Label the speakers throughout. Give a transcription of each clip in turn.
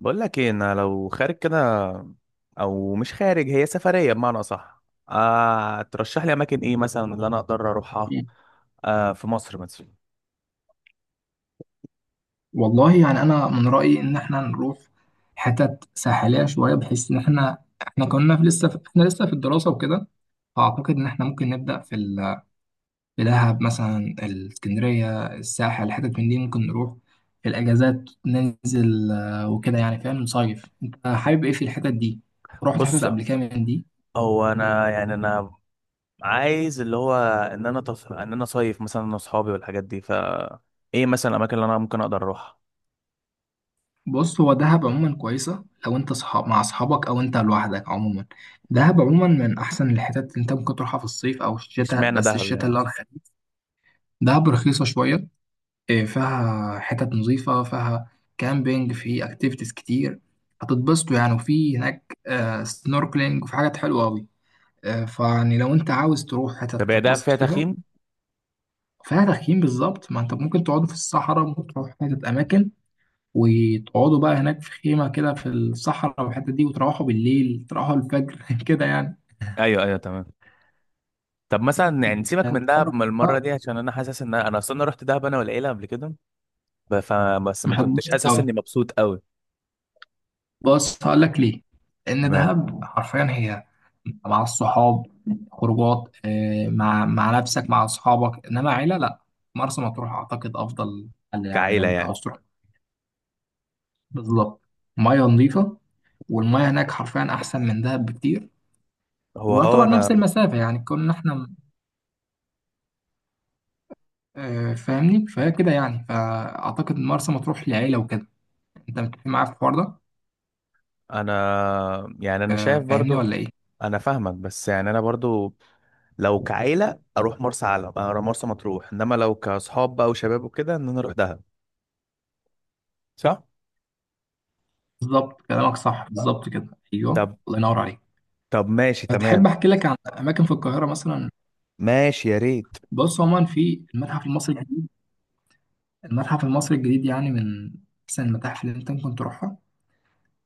Speaker 1: بقول لك ايه، انا لو خارج كده او مش خارج، هي سفريه بمعنى اصح. ترشح لي اماكن ايه مثلا اللي انا اقدر اروحها؟ في مصر مثلا.
Speaker 2: والله يعني انا من رايي ان احنا نروح حتت ساحليه شويه، بحيث ان احنا احنا كنا في لسه في احنا لسه في الدراسه وكده. فاعتقد ان احنا ممكن نبدا في في دهب مثلا، الاسكندريه، الساحل، حتت من دي ممكن نروح في الاجازات ننزل، وكده يعني. فاهم؟ نصيف انت حابب ايه في الحتت دي؟ رحت حتت
Speaker 1: بص،
Speaker 2: قبل كده من دي؟
Speaker 1: هو انا يعني انا عايز اللي هو ان انا صيف مثلا انا واصحابي والحاجات دي، ايه مثلا الاماكن اللي انا ممكن اقدر اروحها؟
Speaker 2: بص، هو دهب عموما كويسة لو انت صحاب مع اصحابك او انت لوحدك. عموما دهب عموما من احسن الحتت اللي انت ممكن تروحها في الصيف او الشتاء،
Speaker 1: اشمعنى
Speaker 2: بس
Speaker 1: دهب يعني؟
Speaker 2: الشتاء اللي ارخص. دهب رخيصة شوية. إيه، فيها حتت نظيفة، فيها كامبينج، في اكتيفيتيز كتير. هتتبسطوا يعني. وفي هناك سنوركلينج، وفي حاجات حلوة أوي. فيعني لو انت عاوز تروح حتت
Speaker 1: طب هي دهب
Speaker 2: تتبسط
Speaker 1: فيها
Speaker 2: فيها.
Speaker 1: تخييم؟
Speaker 2: فيها تخييم، بالظبط، ما انت ممكن تقعد في الصحراء، ممكن تروح حتت اماكن وتقعدوا بقى هناك في خيمة كده في الصحراء والحتة دي، وتروحوا بالليل، تروحوا الفجر كده يعني.
Speaker 1: ايوه ايوه تمام. طب مثلا يعني سيبك
Speaker 2: يعني انت
Speaker 1: من دهب
Speaker 2: عمرك؟
Speaker 1: من المره
Speaker 2: آه،
Speaker 1: دي، عشان انا حاسس ان انا اصلا رحت دهب انا والعيله قبل كده. بس ما
Speaker 2: مش
Speaker 1: كنتش
Speaker 2: هتبص
Speaker 1: حاسس
Speaker 2: قوي.
Speaker 1: اني مبسوط قوي.
Speaker 2: بص هقول لك ليه. لأن
Speaker 1: تمام.
Speaker 2: دهب حرفيا هي مع الصحاب خروجات. مع نفسك، مع أصحابك، إنما عيلة لأ. مرسى مطروح أعتقد أفضل حل، يعني
Speaker 1: كعيلة
Speaker 2: لو أنت
Speaker 1: يعني.
Speaker 2: عاوز تروح. بالظبط. مية نظيفة، والمياه هناك حرفيا احسن من دهب بكتير.
Speaker 1: هو
Speaker 2: ويعتبر نفس
Speaker 1: انا.
Speaker 2: المسافه، يعني كنا احنا. فاهمني؟ فهي كده يعني، فاعتقد إن مرسى مطروح للعيله وكده. انت متفق معايا في الحوار ده؟
Speaker 1: انا يعني انا شايف
Speaker 2: فاهمني
Speaker 1: برضو.
Speaker 2: ولا ايه؟
Speaker 1: انا فاهمك بس يعني انا برضو، لو كعيلة اروح مرسى علم، اروح مرسى مطروح، انما لو كاصحاب بقى وشباب وكده ان انا اروح دهب. صح.
Speaker 2: بالظبط كلامك صح، بالظبط كده، ايوه،
Speaker 1: طب.
Speaker 2: الله ينور عليك.
Speaker 1: طب ماشي
Speaker 2: فتحب
Speaker 1: تمام.
Speaker 2: احكي لك عن اماكن في القاهره مثلا؟
Speaker 1: ماشي يا ريت.
Speaker 2: بص، عموما في المتحف المصري الجديد. المتحف المصري الجديد يعني من احسن المتاحف اللي انت ممكن تروحها.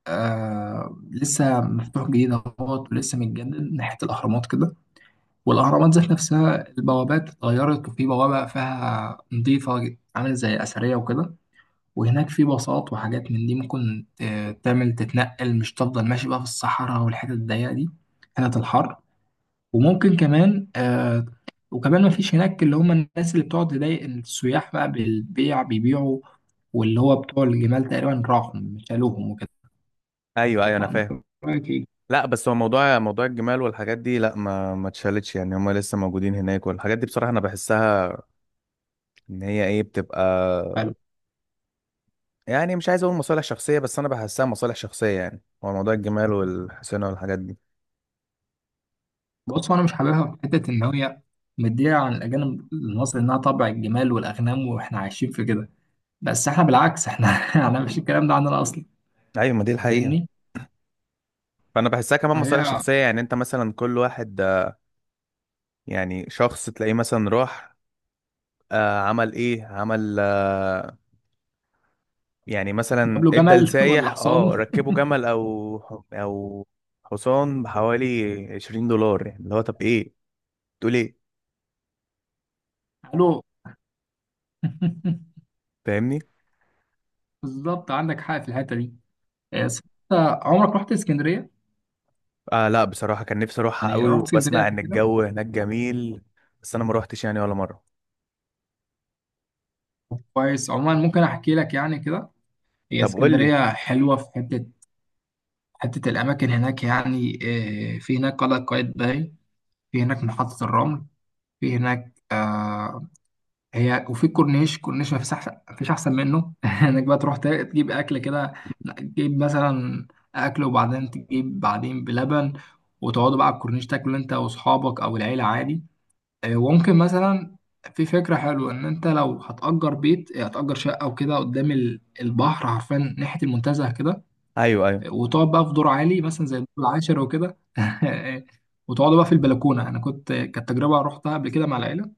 Speaker 2: آه لسه مفتوح جديد اهوت، ولسه متجدد ناحيه الاهرامات كده. والاهرامات ذات نفسها البوابات اتغيرت، وفي بوابه فيها نظيفه عامله زي اثريه وكده. وهناك في باصات وحاجات من دي ممكن تعمل تتنقل، مش تفضل ماشي بقى في الصحراء والحتت الضيقة دي، حتت الحر. وممكن كمان آه. وكمان ما فيش هناك اللي هم الناس اللي بتقعد تضايق السياح بقى بالبيع، بيبيعوا، واللي هو بتوع الجمال تقريبا راحوا شالوهم وكده.
Speaker 1: ايوه ايوه انا
Speaker 2: فأنت
Speaker 1: فاهم.
Speaker 2: رأيك إيه؟
Speaker 1: لا، بس هو موضوع الجمال والحاجات دي، لا ما اتشالتش، يعني هم لسه موجودين هناك والحاجات دي، بصراحة انا بحسها ان هي ايه بتبقى،
Speaker 2: حلو.
Speaker 1: يعني مش عايز اقول مصالح شخصيه، بس انا بحسها مصالح شخصيه، يعني هو موضوع الجمال والحسنه والحاجات دي.
Speaker 2: بص أنا مش حاببها في حتة إن هي مدية عن الأجانب المصري إنها طبع الجمال والأغنام وإحنا عايشين في كده، بس إحنا بالعكس إحنا إحنا مش الكلام ده عندنا أصلا.
Speaker 1: ايوه، ما دي الحقيقه.
Speaker 2: فاهمني؟
Speaker 1: فانا بحسها كمان مصالح
Speaker 2: فهي.
Speaker 1: شخصيه، يعني انت مثلا كل واحد يعني شخص تلاقيه مثلا راح عمل ايه، عمل يعني
Speaker 2: جاب
Speaker 1: مثلا
Speaker 2: له
Speaker 1: ادى
Speaker 2: جمل ولا
Speaker 1: لسايح،
Speaker 2: حصان؟
Speaker 1: ركبه جمل او او حصان بحوالي 20 دولار، يعني اللي هو طب ايه، تقول ايه؟
Speaker 2: قالوا
Speaker 1: فاهمني.
Speaker 2: بالظبط عندك حق في الحته دي. آه، صح. انت عمرك رحت اسكندريه؟
Speaker 1: آه، لا بصراحه كان نفسي اروحها
Speaker 2: يعني
Speaker 1: قوي،
Speaker 2: رحت اسكندريه
Speaker 1: وبسمع
Speaker 2: قبل
Speaker 1: ان
Speaker 2: كده؟
Speaker 1: الجو هناك جميل، بس انا ما روحتش يعني ولا مره.
Speaker 2: كويس. عموما ممكن احكي لك يعني كده. هي
Speaker 1: طب قول لي.
Speaker 2: اسكندريه حلوه في حته، حته الاماكن هناك يعني. في هناك قلعه قايتباي، في هناك محطه الرمل، في هناك هي. وفي الكورنيش، كورنيش ما فيش احسن، مفيش احسن منه انك بقى تروح تجيب اكل كده، تجيب مثلا اكل، وبعدين تجيب بعدين بلبن، وتقعدوا بقى على الكورنيش تاكلوا انت واصحابك او العيله عادي. وممكن مثلا، في فكره حلوه ان انت لو هتأجر بيت، هتأجر شقه وكده قدام البحر، عارفين ناحيه المنتزه كده.
Speaker 1: ايوه ايوه،
Speaker 2: وتقعد بقى في دور عالي مثلا زي الدور العاشر وكده وتقعدوا بقى في البلكونه، انا كنت، كانت تجربه رحتها قبل كده مع العيله.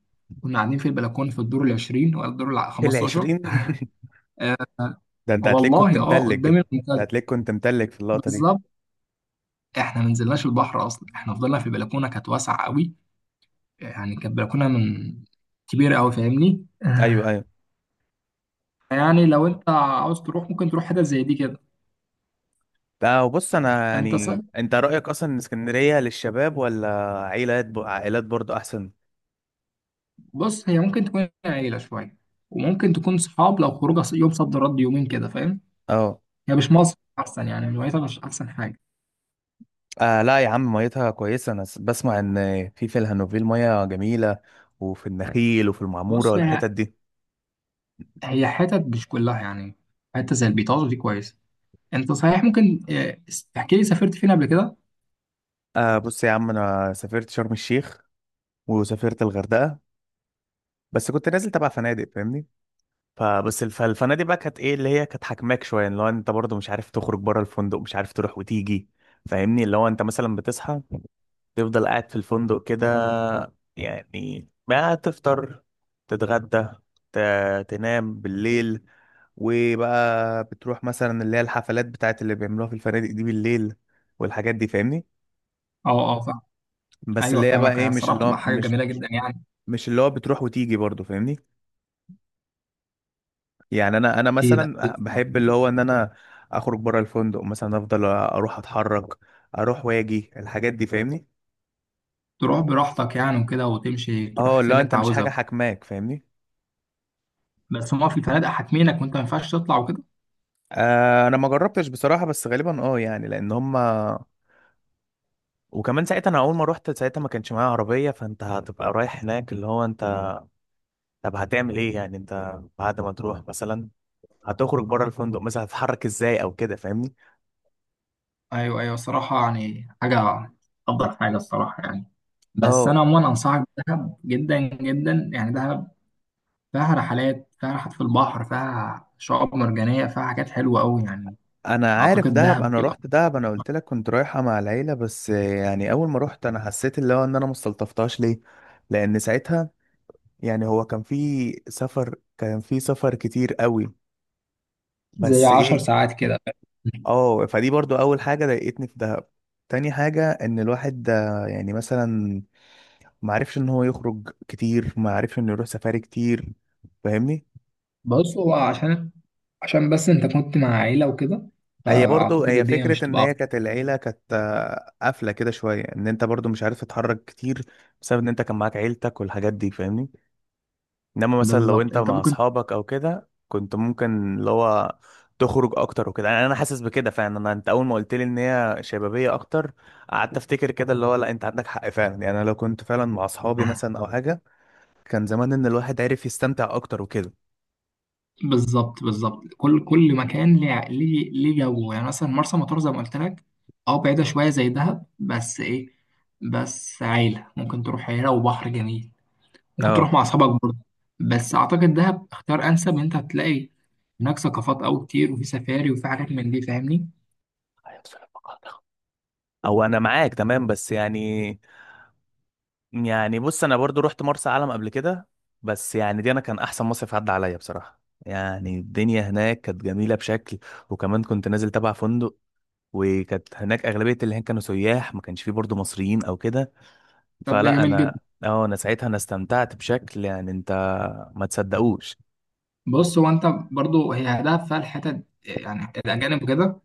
Speaker 2: كنا قاعدين في البلكونه في الدور العشرين، ولا الدور
Speaker 1: في
Speaker 2: 15.
Speaker 1: العشرين. ده انت هتلاقيك كنت
Speaker 2: والله اه،
Speaker 1: متلج
Speaker 2: قدام
Speaker 1: انت.
Speaker 2: المنتزه.
Speaker 1: هتلاقيك كنت متلج في اللقطة دي.
Speaker 2: بالظبط. احنا ما نزلناش البحر اصلا، احنا فضلنا في بلكونه كانت واسعه قوي. يعني كانت بلكونه من، كبيره قوي، فاهمني؟
Speaker 1: ايوه ايوه.
Speaker 2: يعني لو انت عاوز تروح ممكن تروح حتت زي دي كده.
Speaker 1: لا وبص، انا
Speaker 2: انت صح.
Speaker 1: يعني انت رأيك اصلا ان اسكندرية للشباب ولا عائلات؟ برضو احسن.
Speaker 2: بص هي ممكن تكون عيله شويه، وممكن تكون صحاب لو خروجه يوم صد رد يومين كده، فاهم؟
Speaker 1: اه.
Speaker 2: هي مش مصر احسن، يعني الولايات مش احسن حاجه.
Speaker 1: آه، لا يا عم، ميتها كويسة. أنا بسمع إن في الهانوفيل مية جميلة، وفي النخيل وفي المعمورة
Speaker 2: بص هي
Speaker 1: والحتت دي.
Speaker 2: هي حتت مش كلها يعني. حته زي البيطاج دي كويس. انت صحيح ممكن، تحكي لي سافرت فين قبل كده؟
Speaker 1: آه، بص يا عم، أنا سافرت شرم الشيخ وسافرت الغردقة. بس كنت نازل تبع فنادق، فاهمني؟ فالفنادق بقى كانت ايه، اللي هي كانت حاكماك شويه، اللي هو انت برضه مش عارف تخرج بره الفندق، مش عارف تروح وتيجي، فاهمني؟ اللي هو انت مثلا بتصحى، تفضل قاعد في الفندق كده، يعني ما تفطر، تتغدى، تنام بالليل، وبقى بتروح مثلا اللي هي الحفلات بتاعت اللي بيعملوها في الفنادق دي بالليل والحاجات دي، فاهمني؟
Speaker 2: اه اه فاهم.
Speaker 1: بس
Speaker 2: ايوه
Speaker 1: اللي هي بقى
Speaker 2: فاهمك. هي
Speaker 1: ايه، مش
Speaker 2: الصراحه
Speaker 1: اللي هو
Speaker 2: بتبقى حاجه جميله جدا يعني.
Speaker 1: مش اللي هو بتروح وتيجي برضه، فاهمني؟ يعني انا
Speaker 2: اكيد اكيد.
Speaker 1: مثلا بحب اللي هو ان انا اخرج بره الفندق، مثلا افضل اروح اتحرك، اروح واجي الحاجات دي، فاهمني؟
Speaker 2: تروح براحتك يعني وكده، وتمشي تروح
Speaker 1: اه،
Speaker 2: الحتة
Speaker 1: اللي هو
Speaker 2: اللي
Speaker 1: انت
Speaker 2: انت
Speaker 1: مش حاجه
Speaker 2: عاوزها.
Speaker 1: حاكماك، فاهمني؟
Speaker 2: بس هما في فنادق حاكمينك وانت ما ينفعش تطلع وكده.
Speaker 1: آه، انا ما جربتش بصراحه، بس غالبا يعني لان هما، وكمان ساعتها انا اول ما روحت ساعتها ما كانش معايا عربيه، فانت هتبقى رايح هناك اللي هو انت، طب هتعمل ايه يعني انت بعد ما تروح؟ مثلا هتخرج بره الفندق، مثلا هتتحرك ازاي او كده، فاهمني؟
Speaker 2: ايوه ايوه، الصراحه يعني حاجه، افضل حاجه الصراحه يعني. بس انا
Speaker 1: اه،
Speaker 2: عموما انصحك بدهب جدا جدا، يعني دهب فيها رحلات، فيها رحلات في البحر، فيها شعاب مرجانية، فيها حاجات حلوة أوي يعني.
Speaker 1: انا عارف
Speaker 2: أعتقد
Speaker 1: دهب،
Speaker 2: دهب
Speaker 1: انا
Speaker 2: بيبقى
Speaker 1: رحت دهب، انا قلت لك كنت رايحه مع العيله، بس يعني اول ما رحت انا حسيت اللي هو ان انا ما استلطفتهاش ليه. لان ساعتها يعني هو كان في سفر كتير قوي.
Speaker 2: زي
Speaker 1: بس
Speaker 2: عشر
Speaker 1: ايه،
Speaker 2: ساعات كده.
Speaker 1: اه فدي برضو اول حاجه ضايقتني في دهب. تاني حاجه ان الواحد ده يعني مثلا ما عرفش ان هو يخرج كتير، ما عرفش انه يروح سفاري كتير، فاهمني؟
Speaker 2: بص هو، عشان بس أنت كنت مع عيلة وكده،
Speaker 1: هي برضو
Speaker 2: فأعتقد
Speaker 1: هي
Speaker 2: الدنيا مش
Speaker 1: فكرة ان
Speaker 2: تبقى
Speaker 1: هي
Speaker 2: أفضل.
Speaker 1: كانت العيلة كانت قافلة كده شوية، ان انت برضو مش عارف تتحرك كتير بسبب ان انت كان معاك عيلتك والحاجات دي، فاهمني؟ انما مثلا لو
Speaker 2: بالظبط
Speaker 1: انت
Speaker 2: أنت
Speaker 1: مع
Speaker 2: ممكن
Speaker 1: اصحابك او كده كنت ممكن اللي هو تخرج اكتر وكده، يعني انا حاسس بكده فعلا. انت اول ما قلت لي ان هي شبابية اكتر، قعدت افتكر كده اللي هو لا، انت عندك حق فعلا، يعني انا لو كنت فعلا مع اصحابي مثلا او حاجة كان زمان ان الواحد عارف يستمتع اكتر وكده.
Speaker 2: بالظبط بالظبط، كل مكان ليه، ليه، ليه جو. يعني مثلا مرسى مطروح زي ما قلت لك. اه بعيدة شوية زي دهب، بس إيه، بس عيلة ممكن تروح، عيلة وبحر جميل. ممكن تروح
Speaker 1: اه،
Speaker 2: مع اصحابك برضه. بس اعتقد دهب اختيار انسب، ان انت هتلاقي هناك ثقافات قوي كتير، وفي سفاري وفي حاجات من دي، فاهمني؟
Speaker 1: أيوة، بسم الله الرحمن الرحيم. او انا معاك تمام بس يعني، يعني بص انا برضو رحت مرسى علم قبل كده، بس يعني دي انا كان احسن مصيف عدى عليا بصراحه، يعني الدنيا هناك كانت جميله بشكل، وكمان كنت نازل تبع فندق، وكانت هناك اغلبيه اللي هناك كانوا سياح، ما كانش فيه برضو مصريين او كده.
Speaker 2: طب ده
Speaker 1: فلا
Speaker 2: جميل
Speaker 1: انا،
Speaker 2: جدا.
Speaker 1: اه، انا ساعتها انا استمتعت بشكل يعني انت ما تصدقوش.
Speaker 2: بص هو انت برضه هي دهب فيها الحتت يعني الاجانب كده.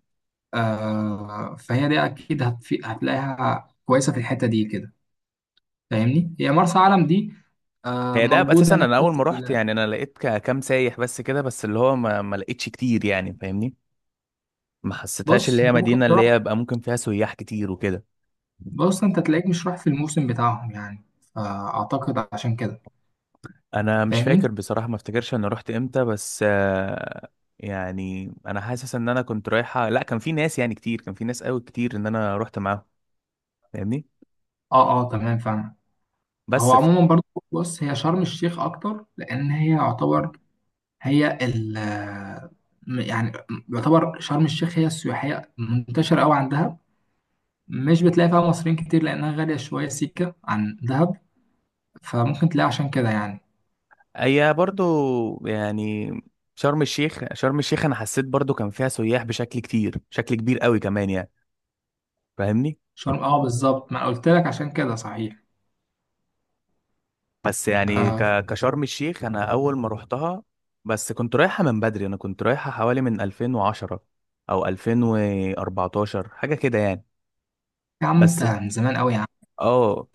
Speaker 2: آه فهي دي اكيد هتلاقيها كويسه في الحته دي كده، فاهمني؟ هي مرسى علم دي، آه،
Speaker 1: هي دهب اساسا
Speaker 2: موجوده
Speaker 1: انا
Speaker 2: ناحيه
Speaker 1: اول ما رحت يعني انا لقيت كام سايح بس كده، بس اللي هو ما لقيتش كتير، يعني فاهمني. ما حسيتهاش اللي
Speaker 2: بص
Speaker 1: هي
Speaker 2: انت
Speaker 1: مدينه
Speaker 2: ممكن تروح،
Speaker 1: اللي هي بقى ممكن فيها سياح كتير وكده.
Speaker 2: بص انت تلاقيك مش رايح في الموسم بتاعهم يعني، فاعتقد عشان كده.
Speaker 1: انا مش
Speaker 2: فاهمني؟
Speaker 1: فاكر بصراحة، ما افتكرش انا رحت امتى، بس يعني انا حاسس ان انا كنت رايحة، لا كان في ناس يعني كتير، كان في ناس قوي كتير ان انا رحت معاهم، فاهمني؟
Speaker 2: اه اه تمام فاهم. هو
Speaker 1: بس في،
Speaker 2: عموما برضو، بص هي شرم الشيخ اكتر لان هي يعتبر، هي ال يعني، يعتبر شرم الشيخ هي السياحيه منتشره قوي عن دهب. مش بتلاقي فيها مصريين كتير لانها غاليه شويه سيكه عن دهب، فممكن تلاقي عشان كده يعني.
Speaker 1: اي برضو يعني، شرم الشيخ انا حسيت برضو كان فيها سياح بشكل كتير، بشكل كبير قوي كمان يعني، فاهمني؟
Speaker 2: شرم اه بالظبط، ما أنا قلت لك عشان كده صحيح.
Speaker 1: بس يعني
Speaker 2: آه.
Speaker 1: كشرم الشيخ انا اول ما رحتها، بس كنت رايحة من بدري، انا كنت رايحة حوالي من 2010 او 2014 حاجة كده يعني.
Speaker 2: يا عم انت
Speaker 1: بس
Speaker 2: من زمان قوي يا عم.
Speaker 1: اه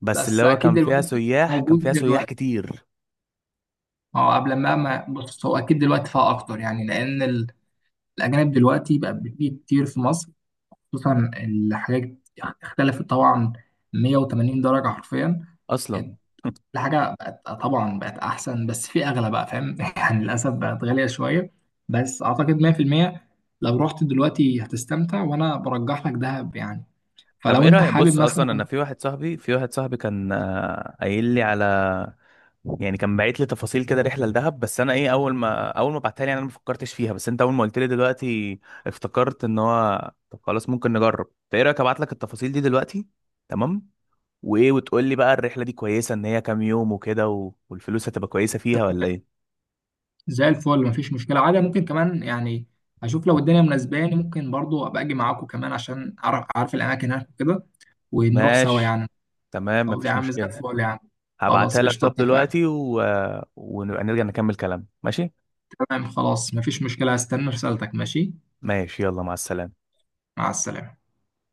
Speaker 1: بس اللي
Speaker 2: بس
Speaker 1: هو
Speaker 2: اكيد دلوقتي
Speaker 1: كان
Speaker 2: موجود
Speaker 1: فيها سياح
Speaker 2: دلوقتي.
Speaker 1: كتير
Speaker 2: اه، قبل ما ما بص، هو اكيد دلوقتي فيها اكتر يعني، لان الاجانب دلوقتي بقى بتيجي كتير في مصر، خصوصا الحاجات يعني اختلفت طبعا 180 درجة حرفيا.
Speaker 1: اصلا.
Speaker 2: كل حاجة بقت طبعا بقت أحسن، بس في أغلى بقى، فاهم؟ يعني للأسف بقت غالية شوية، بس أعتقد 100% لو رحت دلوقتي هتستمتع، وأنا برجح لك دهب يعني.
Speaker 1: طب
Speaker 2: فلو
Speaker 1: ايه
Speaker 2: أنت
Speaker 1: رأيك،
Speaker 2: حابب
Speaker 1: بص اصلا انا
Speaker 2: مثلا.
Speaker 1: في واحد صاحبي كان قايل لي على، يعني كان باعت لي تفاصيل كده رحله لدهب، بس انا ايه، اول ما بعتها لي يعني انا ما فكرتش فيها، بس انت اول ما قلت لي دلوقتي افتكرت ان هو طب خلاص ممكن نجرب. فايه رايك ابعت لك التفاصيل دي دلوقتي؟ تمام. وايه، وتقول لي بقى الرحله دي كويسه، ان هي كام يوم وكده والفلوس هتبقى كويسه فيها ولا ايه؟
Speaker 2: زي الفل مفيش مشكلة عادي، ممكن كمان يعني أشوف لو الدنيا مناسباني ممكن برضو أبقى أجي معاكم كمان، عشان أعرف، أعرف الأماكن هناك وكده، ونروح سوا
Speaker 1: ماشي.
Speaker 2: يعني.
Speaker 1: تمام
Speaker 2: طب يا
Speaker 1: مفيش
Speaker 2: عم زي
Speaker 1: مشكله.
Speaker 2: الفل يعني. خلاص
Speaker 1: هبعتها لك
Speaker 2: قشطة
Speaker 1: طب
Speaker 2: اتفقنا.
Speaker 1: دلوقتي ونبقى نرجع نكمل كلام، ماشي.
Speaker 2: تمام خلاص مفيش مشكلة، هستنى رسالتك، ماشي،
Speaker 1: ماشي يلا، مع السلامة.
Speaker 2: مع السلامة.